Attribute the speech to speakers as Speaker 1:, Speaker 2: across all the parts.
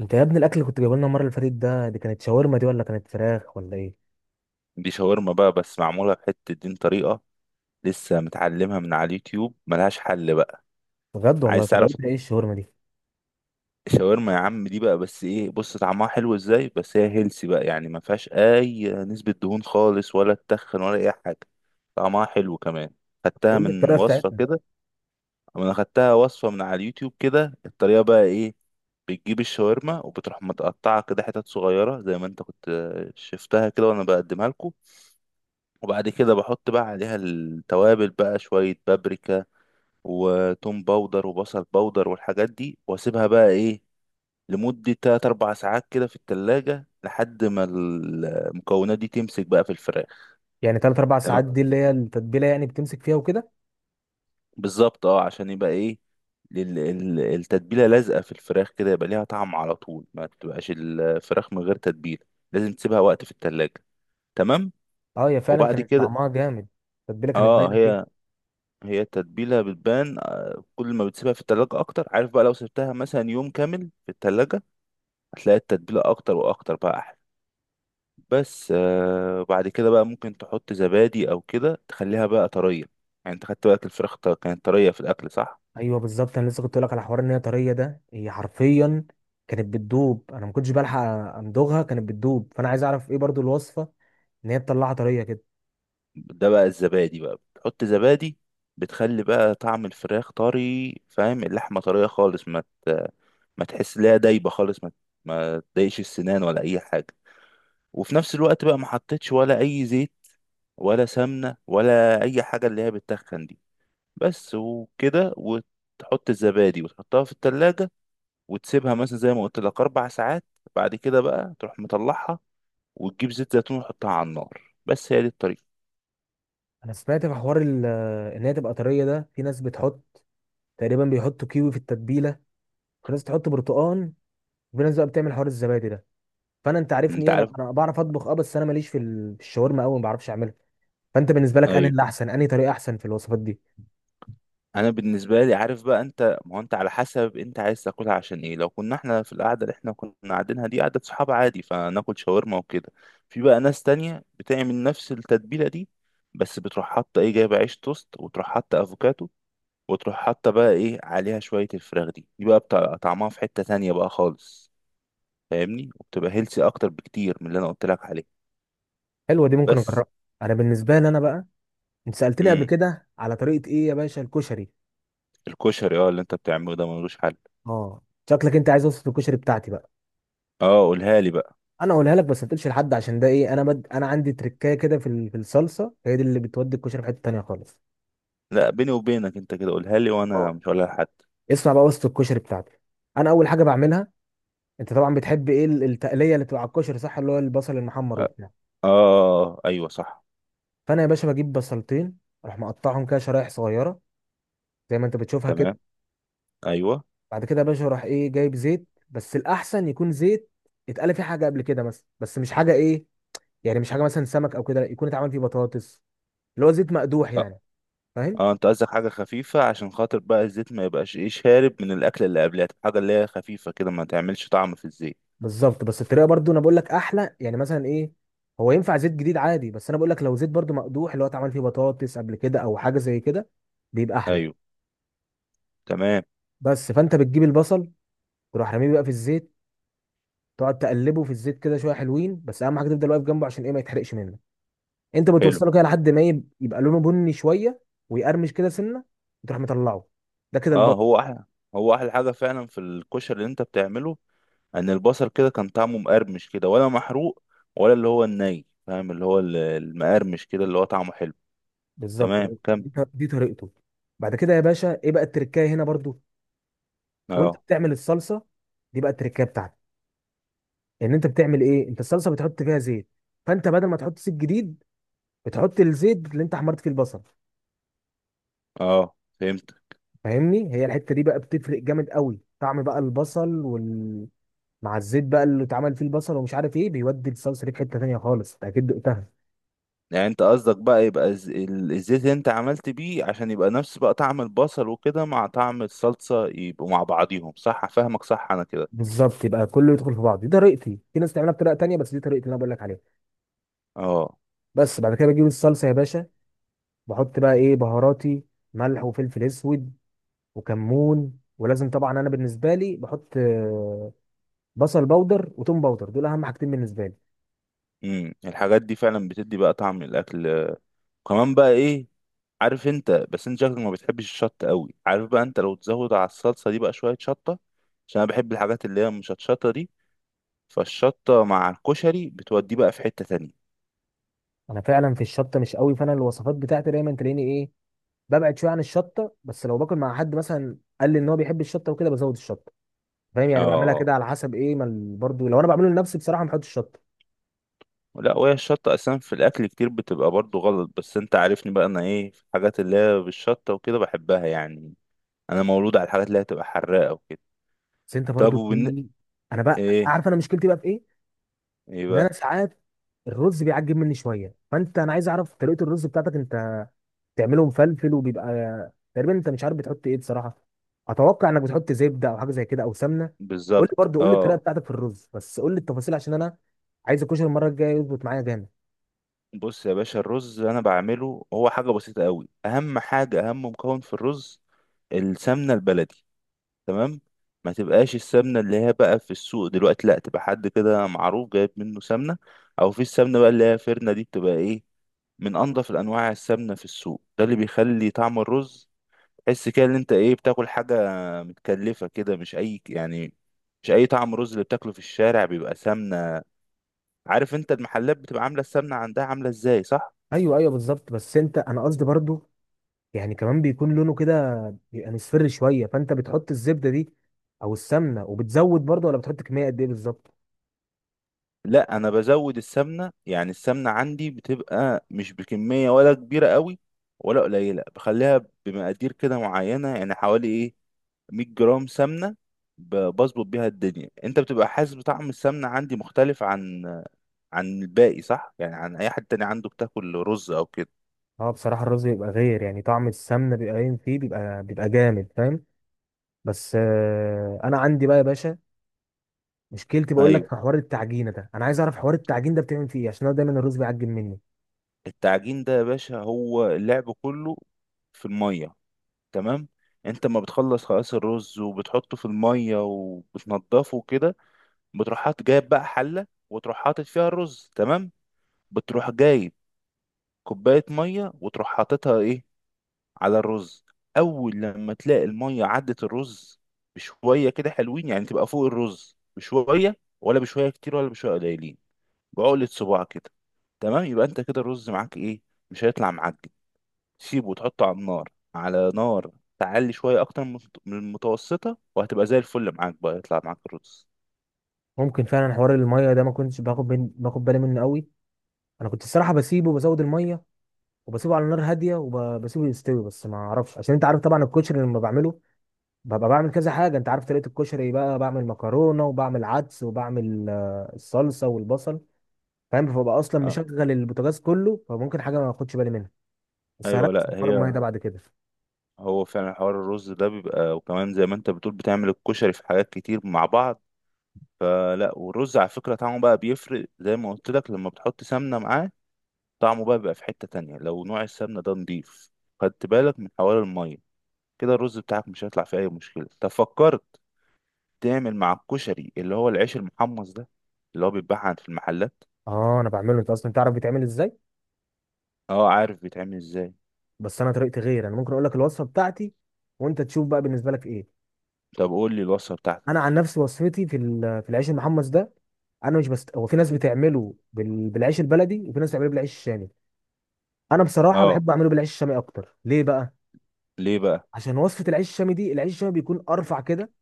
Speaker 1: انت يا ابني، الاكل اللي كنت جايبه لنا المره اللي فاتت دي، كانت شاورما دي ولا كانت فراخ ولا ايه؟
Speaker 2: دي شاورما بقى، بس معمولة بحتة دين طريقة. لسه متعلمها من على اليوتيوب، ملهاش حل بقى.
Speaker 1: بجد والله،
Speaker 2: عايز تعرف؟
Speaker 1: طريقتها ايه الشاورما دي؟
Speaker 2: الشاورما يا عم دي بقى، بس ايه، بص طعمها حلو ازاي، بس هي هيلسي بقى، يعني ما فيهاش اي نسبة دهون خالص، ولا تخن ولا اي حاجة. طعمها حلو كمان. خدتها
Speaker 1: قول لي
Speaker 2: من
Speaker 1: الطريقه
Speaker 2: وصفة
Speaker 1: بتاعتها.
Speaker 2: كده. انا خدتها وصفة من على اليوتيوب كده. الطريقة بقى ايه؟ بتجيب الشاورما، وبتروح متقطعة كده حتت صغيرة، زي ما انت كنت شفتها كده وانا بقدمها لكم. وبعد كده بحط بقى عليها التوابل بقى، شوية بابريكا وتوم باودر وبصل باودر والحاجات دي، واسيبها بقى ايه لمدة تلات أربع ساعات كده في التلاجة، لحد ما المكونات دي تمسك بقى في الفراخ.
Speaker 1: يعني ثلاث اربع
Speaker 2: تمام،
Speaker 1: ساعات دي اللي هي التتبيله، يعني بتمسك فيها وكده؟
Speaker 2: بالظبط، اه، عشان يبقى ايه، التتبيلة لازقة في الفراخ كده، يبقى ليها طعم على طول، ما تبقاش الفراخ من غير تتبيلة. لازم تسيبها وقت في التلاجة. تمام.
Speaker 1: اه، هي فعلا
Speaker 2: وبعد
Speaker 1: كانت
Speaker 2: كده،
Speaker 1: طعمها جامد. التتبيله كانت
Speaker 2: اه،
Speaker 1: باينه فيها.
Speaker 2: هي التتبيلة بتبان، كل ما بتسيبها في التلاجة أكتر، عارف بقى، لو سبتها مثلا يوم كامل في التلاجة هتلاقي التتبيلة أكتر وأكتر بقى أحلى. بس بعد كده بقى ممكن تحط زبادي أو كده تخليها بقى طرية. يعني أنت خدت بالك الفراخ كانت طرية في الأكل صح؟
Speaker 1: ايوه بالظبط، انا لسه كنت اقول لك على حوار ان هي طريه ده، هي حرفيا كانت بتدوب. انا ما كنتش بلحق امضغها، كانت بتدوب. فانا عايز اعرف ايه برضو الوصفه ان هي تطلعها طريه كده.
Speaker 2: ده بقى الزبادي، بقى بتحط زبادي بتخلي بقى طعم الفراخ طري، فاهم؟ اللحمة طرية خالص، ت- ما تحس ليها دايبة خالص، ما تضايقش السنان ولا أي حاجة. وفي نفس الوقت بقى ما حطيتش ولا اي زيت ولا سمنة ولا أي حاجة اللي هي بتتخن دي. بس وكده، وتحط الزبادي وتحطها في التلاجة، وتسيبها مثلا زي ما قلت لك أربع ساعات. بعد كده بقى تروح مطلعها، وتجيب زيت زيتون وتحطها على النار. بس هي دي الطريقة.
Speaker 1: انا سمعت في حوار ان هي تبقى طريه ده، في ناس بتحط تقريبا بيحطوا كيوي في التتبيله، في ناس تحط برتقان، في ناس بقى بتعمل حوار الزبادي ده. فانا انت عارفني
Speaker 2: أنت
Speaker 1: إيه، انا
Speaker 2: عارف؟
Speaker 1: انا بعرف اطبخ اه، بس انا ماليش في الشاورما قوي، ما بعرفش اعملها. فانت بالنسبه لك انا،
Speaker 2: أيوه.
Speaker 1: اللي احسن انهي طريقه احسن في الوصفات دي؟
Speaker 2: أنا بالنسبة لي عارف بقى أنت، ما هو أنت على حسب أنت عايز تاكلها عشان إيه. لو كنا إحنا في القعدة اللي إحنا كنا قاعدينها دي، قعدة صحاب عادي فناكل شاورما وكده. في بقى ناس تانية بتعمل نفس التتبيلة دي، بس بتروح حاطة إيه، جايبة عيش توست وتروح حاطة أفوكادو، وتروح حاطة بقى ايه عليها شوية الفراخ، دي بقى بتاع طعمها في حتة تانية بقى خالص، فاهمني؟ وبتبقى هيلسي اكتر بكتير من اللي انا قلت لك عليه.
Speaker 1: حلوه دي، ممكن
Speaker 2: بس.
Speaker 1: اجربها. انا بالنسبه لي انا بقى، انت سالتني قبل
Speaker 2: امم
Speaker 1: كده على طريقه ايه يا باشا؟ الكشري.
Speaker 2: الكشري، اللي انت بتعمله ده ملوش حل.
Speaker 1: اه. شكلك انت عايز وصفه الكشري بتاعتي بقى.
Speaker 2: اه، قولها لي بقى.
Speaker 1: انا اقولها لك، بس ما تقولش لحد عشان ده ايه، انا عندي تركايه كده في الصلصه، هي دي اللي بتودي الكشري في حته تانيه خالص.
Speaker 2: لا، بيني وبينك انت كده قولها لي، وانا
Speaker 1: اه،
Speaker 2: مش هقولها لحد.
Speaker 1: اسمع بقى وصفه الكشري بتاعتي. انا اول حاجه بعملها، انت طبعا بتحب ايه التقليه اللي بتبقى على الكشري، صح؟ اللي هو البصل المحمر
Speaker 2: اه.
Speaker 1: وبتاع.
Speaker 2: آه، آه، ايوه، صح.
Speaker 1: فانا يا باشا بجيب بصلتين، اروح مقطعهم كده شرايح صغيره، زي ما انت بتشوفها كده.
Speaker 2: تمام. ايوه.
Speaker 1: بعد كده يا باشا اروح ايه جايب زيت، بس الاحسن يكون زيت اتقلى فيه حاجه قبل كده مثلا، بس مش حاجه ايه، يعني مش حاجه مثلا سمك او كده، لا يكون اتعمل فيه بطاطس، اللي هو زيت مقدوح
Speaker 2: اه.
Speaker 1: يعني. فاهم؟
Speaker 2: انت قصدك حاجة خفيفة، عشان خاطر بقى الزيت ما يبقاش ايه، شارب من الاكل اللي قبلها، حاجة اللي هي خفيفة كده ما تعملش طعم في الزيت.
Speaker 1: بالظبط، بس الطريقه برضو انا بقول لك احلى، يعني مثلا ايه، هو ينفع زيت جديد عادي، بس انا بقول لك لو زيت برضو مقدوح، اللي هو اتعمل فيه بطاطس قبل كده او حاجه زي كده، بيبقى احلى.
Speaker 2: ايوه. تمام.
Speaker 1: بس فانت بتجيب البصل، تروح رميه بقى في الزيت، تقعد تقلبه في الزيت كده شويه حلوين، بس اهم حاجه تفضل واقف جنبه عشان ايه ما يتحرقش منك. انت
Speaker 2: حلو.
Speaker 1: بتوصله كده لحد ما يبقى لونه بني شويه، ويقرمش كده سنه، وتروح مطلعه. ده كده
Speaker 2: اه،
Speaker 1: البط.
Speaker 2: هو احلى. هو احلى حاجه فعلا في الكشري اللي انت بتعمله، ان البصل كده كان طعمه مقرمش كده، ولا محروق ولا اللي هو الني، فاهم؟ اللي هو المقرمش كده اللي هو طعمه حلو.
Speaker 1: بالظبط.
Speaker 2: تمام، كمل.
Speaker 1: دي طريقته. بعد كده يا باشا ايه بقى التركايه هنا برضو، وانت
Speaker 2: اه.
Speaker 1: بتعمل الصلصه، دي بقى التركايه بتاعتك. ان انت بتعمل ايه، انت الصلصه بتحط فيها زيت، فانت بدل ما تحط زيت جديد، بتحط الزيت اللي انت حمرت فيه البصل.
Speaker 2: اه، فهمت.
Speaker 1: فاهمني، هي الحته دي بقى بتفرق جامد قوي، طعم بقى البصل مع الزيت بقى اللي اتعمل فيه البصل، ومش عارف ايه، بيودي الصلصه دي في حته تانيه خالص. انت اكيد دقتها.
Speaker 2: يعني انت قصدك بقى يبقى الزيت اللي انت عملت بيه، عشان يبقى نفس بقى طعم البصل وكده مع طعم الصلصه، يبقوا مع بعضيهم، صح؟ فاهمك، صح انا كده؟
Speaker 1: بالظبط، يبقى كله يدخل في بعض. دي طريقتي، في ناس تعملها بطريقه تانيه، بس دي طريقتي اللي انا بقول لك عليها.
Speaker 2: اه.
Speaker 1: بس بعد كده بجيب الصلصه يا باشا، بحط بقى ايه بهاراتي: ملح وفلفل اسود وكمون، ولازم طبعا انا بالنسبه لي بحط بصل بودر وتوم بودر، دول اهم حاجتين بالنسبه لي.
Speaker 2: الحاجات دي فعلا بتدي بقى طعم الاكل. كمان بقى ايه، عارف انت، بس انت شكلك ما بتحبش الشطه قوي، عارف بقى انت لو تزود على الصلصه دي بقى شويه شطه، عشان انا بحب الحاجات اللي هي مش هتشطه دي، فالشطه مع الكشري بتوديه بقى في حته تانية.
Speaker 1: انا فعلا في الشطه مش قوي، فانا الوصفات بتاعتي دايما تلاقيني ايه، ببعد شويه عن الشطه. بس لو باكل مع حد مثلا قال لي ان هو بيحب الشطه وكده بزود الشطه. فاهم يعني، بعملها
Speaker 2: اه.
Speaker 1: كده على حسب ايه ما برضو لو انا بعمله لنفسي بصراحه ما بحطش شطه.
Speaker 2: لا، وهي الشطه اصلا في الاكل كتير بتبقى برضو غلط، بس انت عارفني بقى انا ايه، في الحاجات اللي هي بالشطه وكده بحبها يعني. انا مولود على الحاجات اللي هي تبقى حراقه وكده.
Speaker 1: بس انت
Speaker 2: طب
Speaker 1: برضو
Speaker 2: وبن.
Speaker 1: في. انا بقى
Speaker 2: ايه
Speaker 1: عارف انا مشكلتي بقى في ايه،
Speaker 2: ايه
Speaker 1: ان
Speaker 2: بقى؟
Speaker 1: انا ساعات الرز بيعجب مني شويه، فانت انا عايز اعرف طريقه الرز بتاعتك انت، بتعمله مفلفل وبيبقى، تقريبا انت مش عارف بتحط ايه بصراحه، اتوقع انك بتحط زبده او حاجه زي كده او سمنه. قول لي
Speaker 2: بالظبط،
Speaker 1: برضو، قول لي الطريقه
Speaker 2: اه.
Speaker 1: بتاعتك في الرز، بس قول لي التفاصيل عشان انا عايز الكشري المره الجايه يظبط معايا جامد.
Speaker 2: بص يا باشا، الرز انا بعمله هو حاجه بسيطه قوي. اهم حاجه، اهم مكون في الرز، السمنة البلدي. تمام. ما تبقاش السمنة اللي هي بقى في السوق دلوقتي، لا تبقى حد كده معروف جايب منه سمنة، او في السمنة بقى اللي هي فرنة دي، بتبقى ايه، من انضف الانواع السمنة في السوق، ده اللي بيخلي طعم الرز تحس كده ان انت ايه، بتاكل حاجة متكلفة كده، مش اي يعني، مش اي طعم رز اللي بتاكله في الشارع بيبقى سمنة. عارف انت المحلات بتبقى عاملة السمنة عندها عاملة ازاي صح؟
Speaker 1: ايوه، ايوه، بالظبط، بس انت انا قصدي برضو، يعني كمان بيكون لونه كده، بيبقى مصفر شويه، فانت بتحط الزبده دي او السمنه وبتزود برضه، ولا بتحط كميه قد ايه بالظبط؟
Speaker 2: لا، انا بزود السمنه، يعني السمنه عندي بتبقى مش بكميه ولا كبيره قوي ولا قليله، بخليها بمقادير كده معينه، يعني حوالي ايه، 100 جرام سمنه. بظبط بيها الدنيا، انت بتبقى حاسس بطعم السمنه عندي مختلف عن الباقي، صح؟ يعني عن اي حد تاني عنده بتاكل رز او كده.
Speaker 1: اه بصراحه، الرز بيبقى غير، يعني طعم السمنه بيبقى باين فيه، بيبقى جامد فاهم. بس انا عندي بقى يا باشا مشكلتي، بقول
Speaker 2: ايوه.
Speaker 1: لك في حوار التعجينه ده، انا عايز اعرف حوار التعجين ده بتعمل فيه ايه، عشان انا دايما الرز بيعجن مني.
Speaker 2: التعجين ده يا باشا هو اللعب كله في الميه. تمام. انت ما بتخلص خلاص الرز وبتحطه في الميه وبتنضفه كده، بتروح حاطط، جايب بقى حله وتروح حاطط فيها الرز، تمام. بتروح جايب كوبايه ميه، وتروح حاططها ايه، على الرز. اول لما تلاقي الميه عدت الرز بشويه كده حلوين، يعني تبقى فوق الرز بشويه، ولا بشويه كتير ولا بشويه قليلين، بعقله صباع كده. تمام، يبقى انت كده الرز معاك ايه، مش هيطلع معجن. سيبه وتحطه على النار، على نار تعلي شويه، اكتر من المتوسطه، وهتبقى زي الفل معاك، بقى يطلع معاك الرز.
Speaker 1: ممكن فعلا حوار الميه ده ما كنتش باخد بالي منه قوي. انا كنت الصراحه بسيبه بزود الميه، وبسيبه على نار هاديه، وبسيبه يستوي. بس ما اعرفش، عشان انت عارف طبعا الكشري لما بعمله، ببقى بعمل كذا حاجة. انت عارف طريقة الكشري، بقى بعمل مكرونة وبعمل عدس وبعمل الصلصة والبصل. فاهم، فببقى اصلا
Speaker 2: اه.
Speaker 1: مشغل البوتاجاز كله، فممكن حاجة ما اخدش بالي منها. بس
Speaker 2: ايوه،
Speaker 1: هركز في
Speaker 2: لا
Speaker 1: حوار المية
Speaker 2: هي.
Speaker 1: ده بعد كده.
Speaker 2: هو فعلا حوار الرز ده بيبقى، وكمان زي ما انت بتقول بتعمل الكشري في حاجات كتير مع بعض. آه، لا، والرز على فكرة طعمه بقى بيفرق، زي ما قلت لك لما بتحط سمنة معاه، طعمه بقى بيبقى في حتة تانية لو نوع السمنة ده نضيف. خدت بالك من حوار المية؟ كده الرز بتاعك مش هيطلع فيه أي مشكلة. طب فكرت تعمل مع الكشري اللي هو العيش المحمص ده، اللي هو بيتباع في المحلات؟
Speaker 1: اه انا بعمله، انت اصلا تعرف بيتعمل ازاي.
Speaker 2: اه، عارف بيتعمل ازاي.
Speaker 1: بس انا طريقتي غير، انا ممكن اقول لك الوصفة بتاعتي وانت تشوف بقى بالنسبة لك ايه.
Speaker 2: طب قول لي الوصفة
Speaker 1: انا
Speaker 2: بتاعتك.
Speaker 1: عن نفسي وصفتي في العيش المحمص ده، انا مش بست، هو في ناس بتعمله بالعيش البلدي، وفي ناس بتعمله بالعيش الشامي. انا بصراحة
Speaker 2: اه.
Speaker 1: بحب اعمله بالعيش الشامي اكتر. ليه بقى؟
Speaker 2: ليه بقى؟
Speaker 1: عشان وصفه العيش الشامي دي، العيش الشامي بيكون ارفع كده،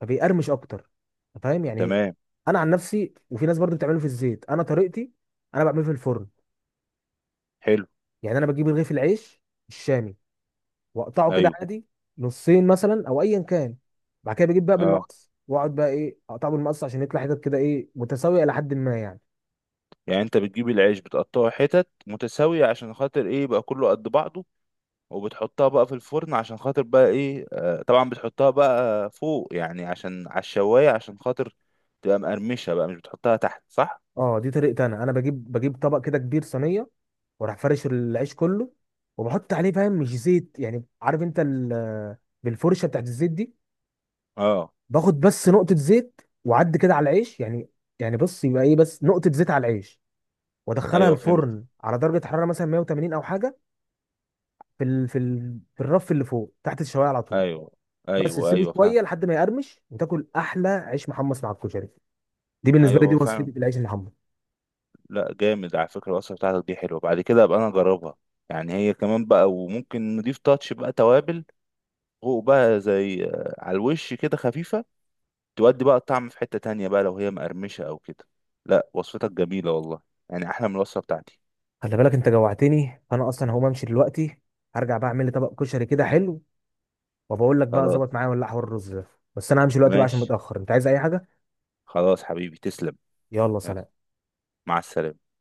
Speaker 1: فبيقرمش اكتر. أنت فاهم يعني؟
Speaker 2: تمام.
Speaker 1: انا عن نفسي، وفي ناس برضو بتعمله في الزيت، انا طريقتي انا بعمله في الفرن.
Speaker 2: حلو.
Speaker 1: يعني انا بجيب رغيف العيش الشامي، واقطعه كده
Speaker 2: ايوه.
Speaker 1: عادي، نصين مثلا او ايا كان. بعد كده بجيب بقى
Speaker 2: اه.
Speaker 1: بالمقص، واقعد بقى ايه اقطعه بالمقص، عشان يطلع حتت كده ايه متساويه الى حد ما يعني.
Speaker 2: يعني انت بتجيب العيش بتقطعه حتت متساوية عشان خاطر ايه، يبقى كله قد بعضه، وبتحطها بقى في الفرن عشان خاطر بقى ايه، طبعا بتحطها بقى فوق يعني عشان على الشواية، عشان خاطر تبقى مقرمشة بقى، مش بتحطها تحت صح؟
Speaker 1: اه، دي طريقتي. انا بجيب طبق كده كبير، صينيه، واروح فرش العيش كله، وبحط عليه، فاهم مش زيت يعني، عارف انت بالفرشه بتاعت الزيت دي،
Speaker 2: اه،
Speaker 1: باخد بس نقطة زيت وعد كده على العيش يعني. يعني بص، يبقى ايه، بس نقطة زيت على العيش، وادخلها
Speaker 2: ايوه، فهمت.
Speaker 1: الفرن على درجة حرارة مثلا 180 او حاجة، في الرف اللي فوق تحت الشواية على طول.
Speaker 2: ايوه،
Speaker 1: بس
Speaker 2: ايوه،
Speaker 1: تسيبه
Speaker 2: ايوه،
Speaker 1: شوية
Speaker 2: فاهم.
Speaker 1: لحد ما يقرمش، وتاكل احلى عيش محمص مع الكشري. دي بالنسبة
Speaker 2: ايوه،
Speaker 1: لي، دي
Speaker 2: هو
Speaker 1: وصفتي
Speaker 2: فعلا.
Speaker 1: في العيش المحمص.
Speaker 2: لا، جامد على فكرة الوصفة بتاعتك دي حلوة، بعد كده ابقى انا اجربها. يعني هي كمان بقى، وممكن نضيف تاتش بقى توابل فوق بقى زي على الوش كده خفيفة، تودي بقى الطعم في حتة تانية بقى لو هي مقرمشة أو كده. لا، وصفتك جميلة والله، يعني أحلى من الوصفة بتاعتي.
Speaker 1: خلي بالك انت جوعتني، فانا اصلا هقوم امشي دلوقتي، هرجع بقى اعمل لي طبق كشري كده حلو، وبقول لك بقى
Speaker 2: خلاص.
Speaker 1: ظبط معايا ولا لا حوار الرز ده. بس انا همشي دلوقتي بقى عشان
Speaker 2: ماشي.
Speaker 1: متأخر. انت عايز اي حاجة؟
Speaker 2: خلاص حبيبي، تسلم.
Speaker 1: يلا
Speaker 2: يلا.
Speaker 1: سلام.
Speaker 2: مع السلامة.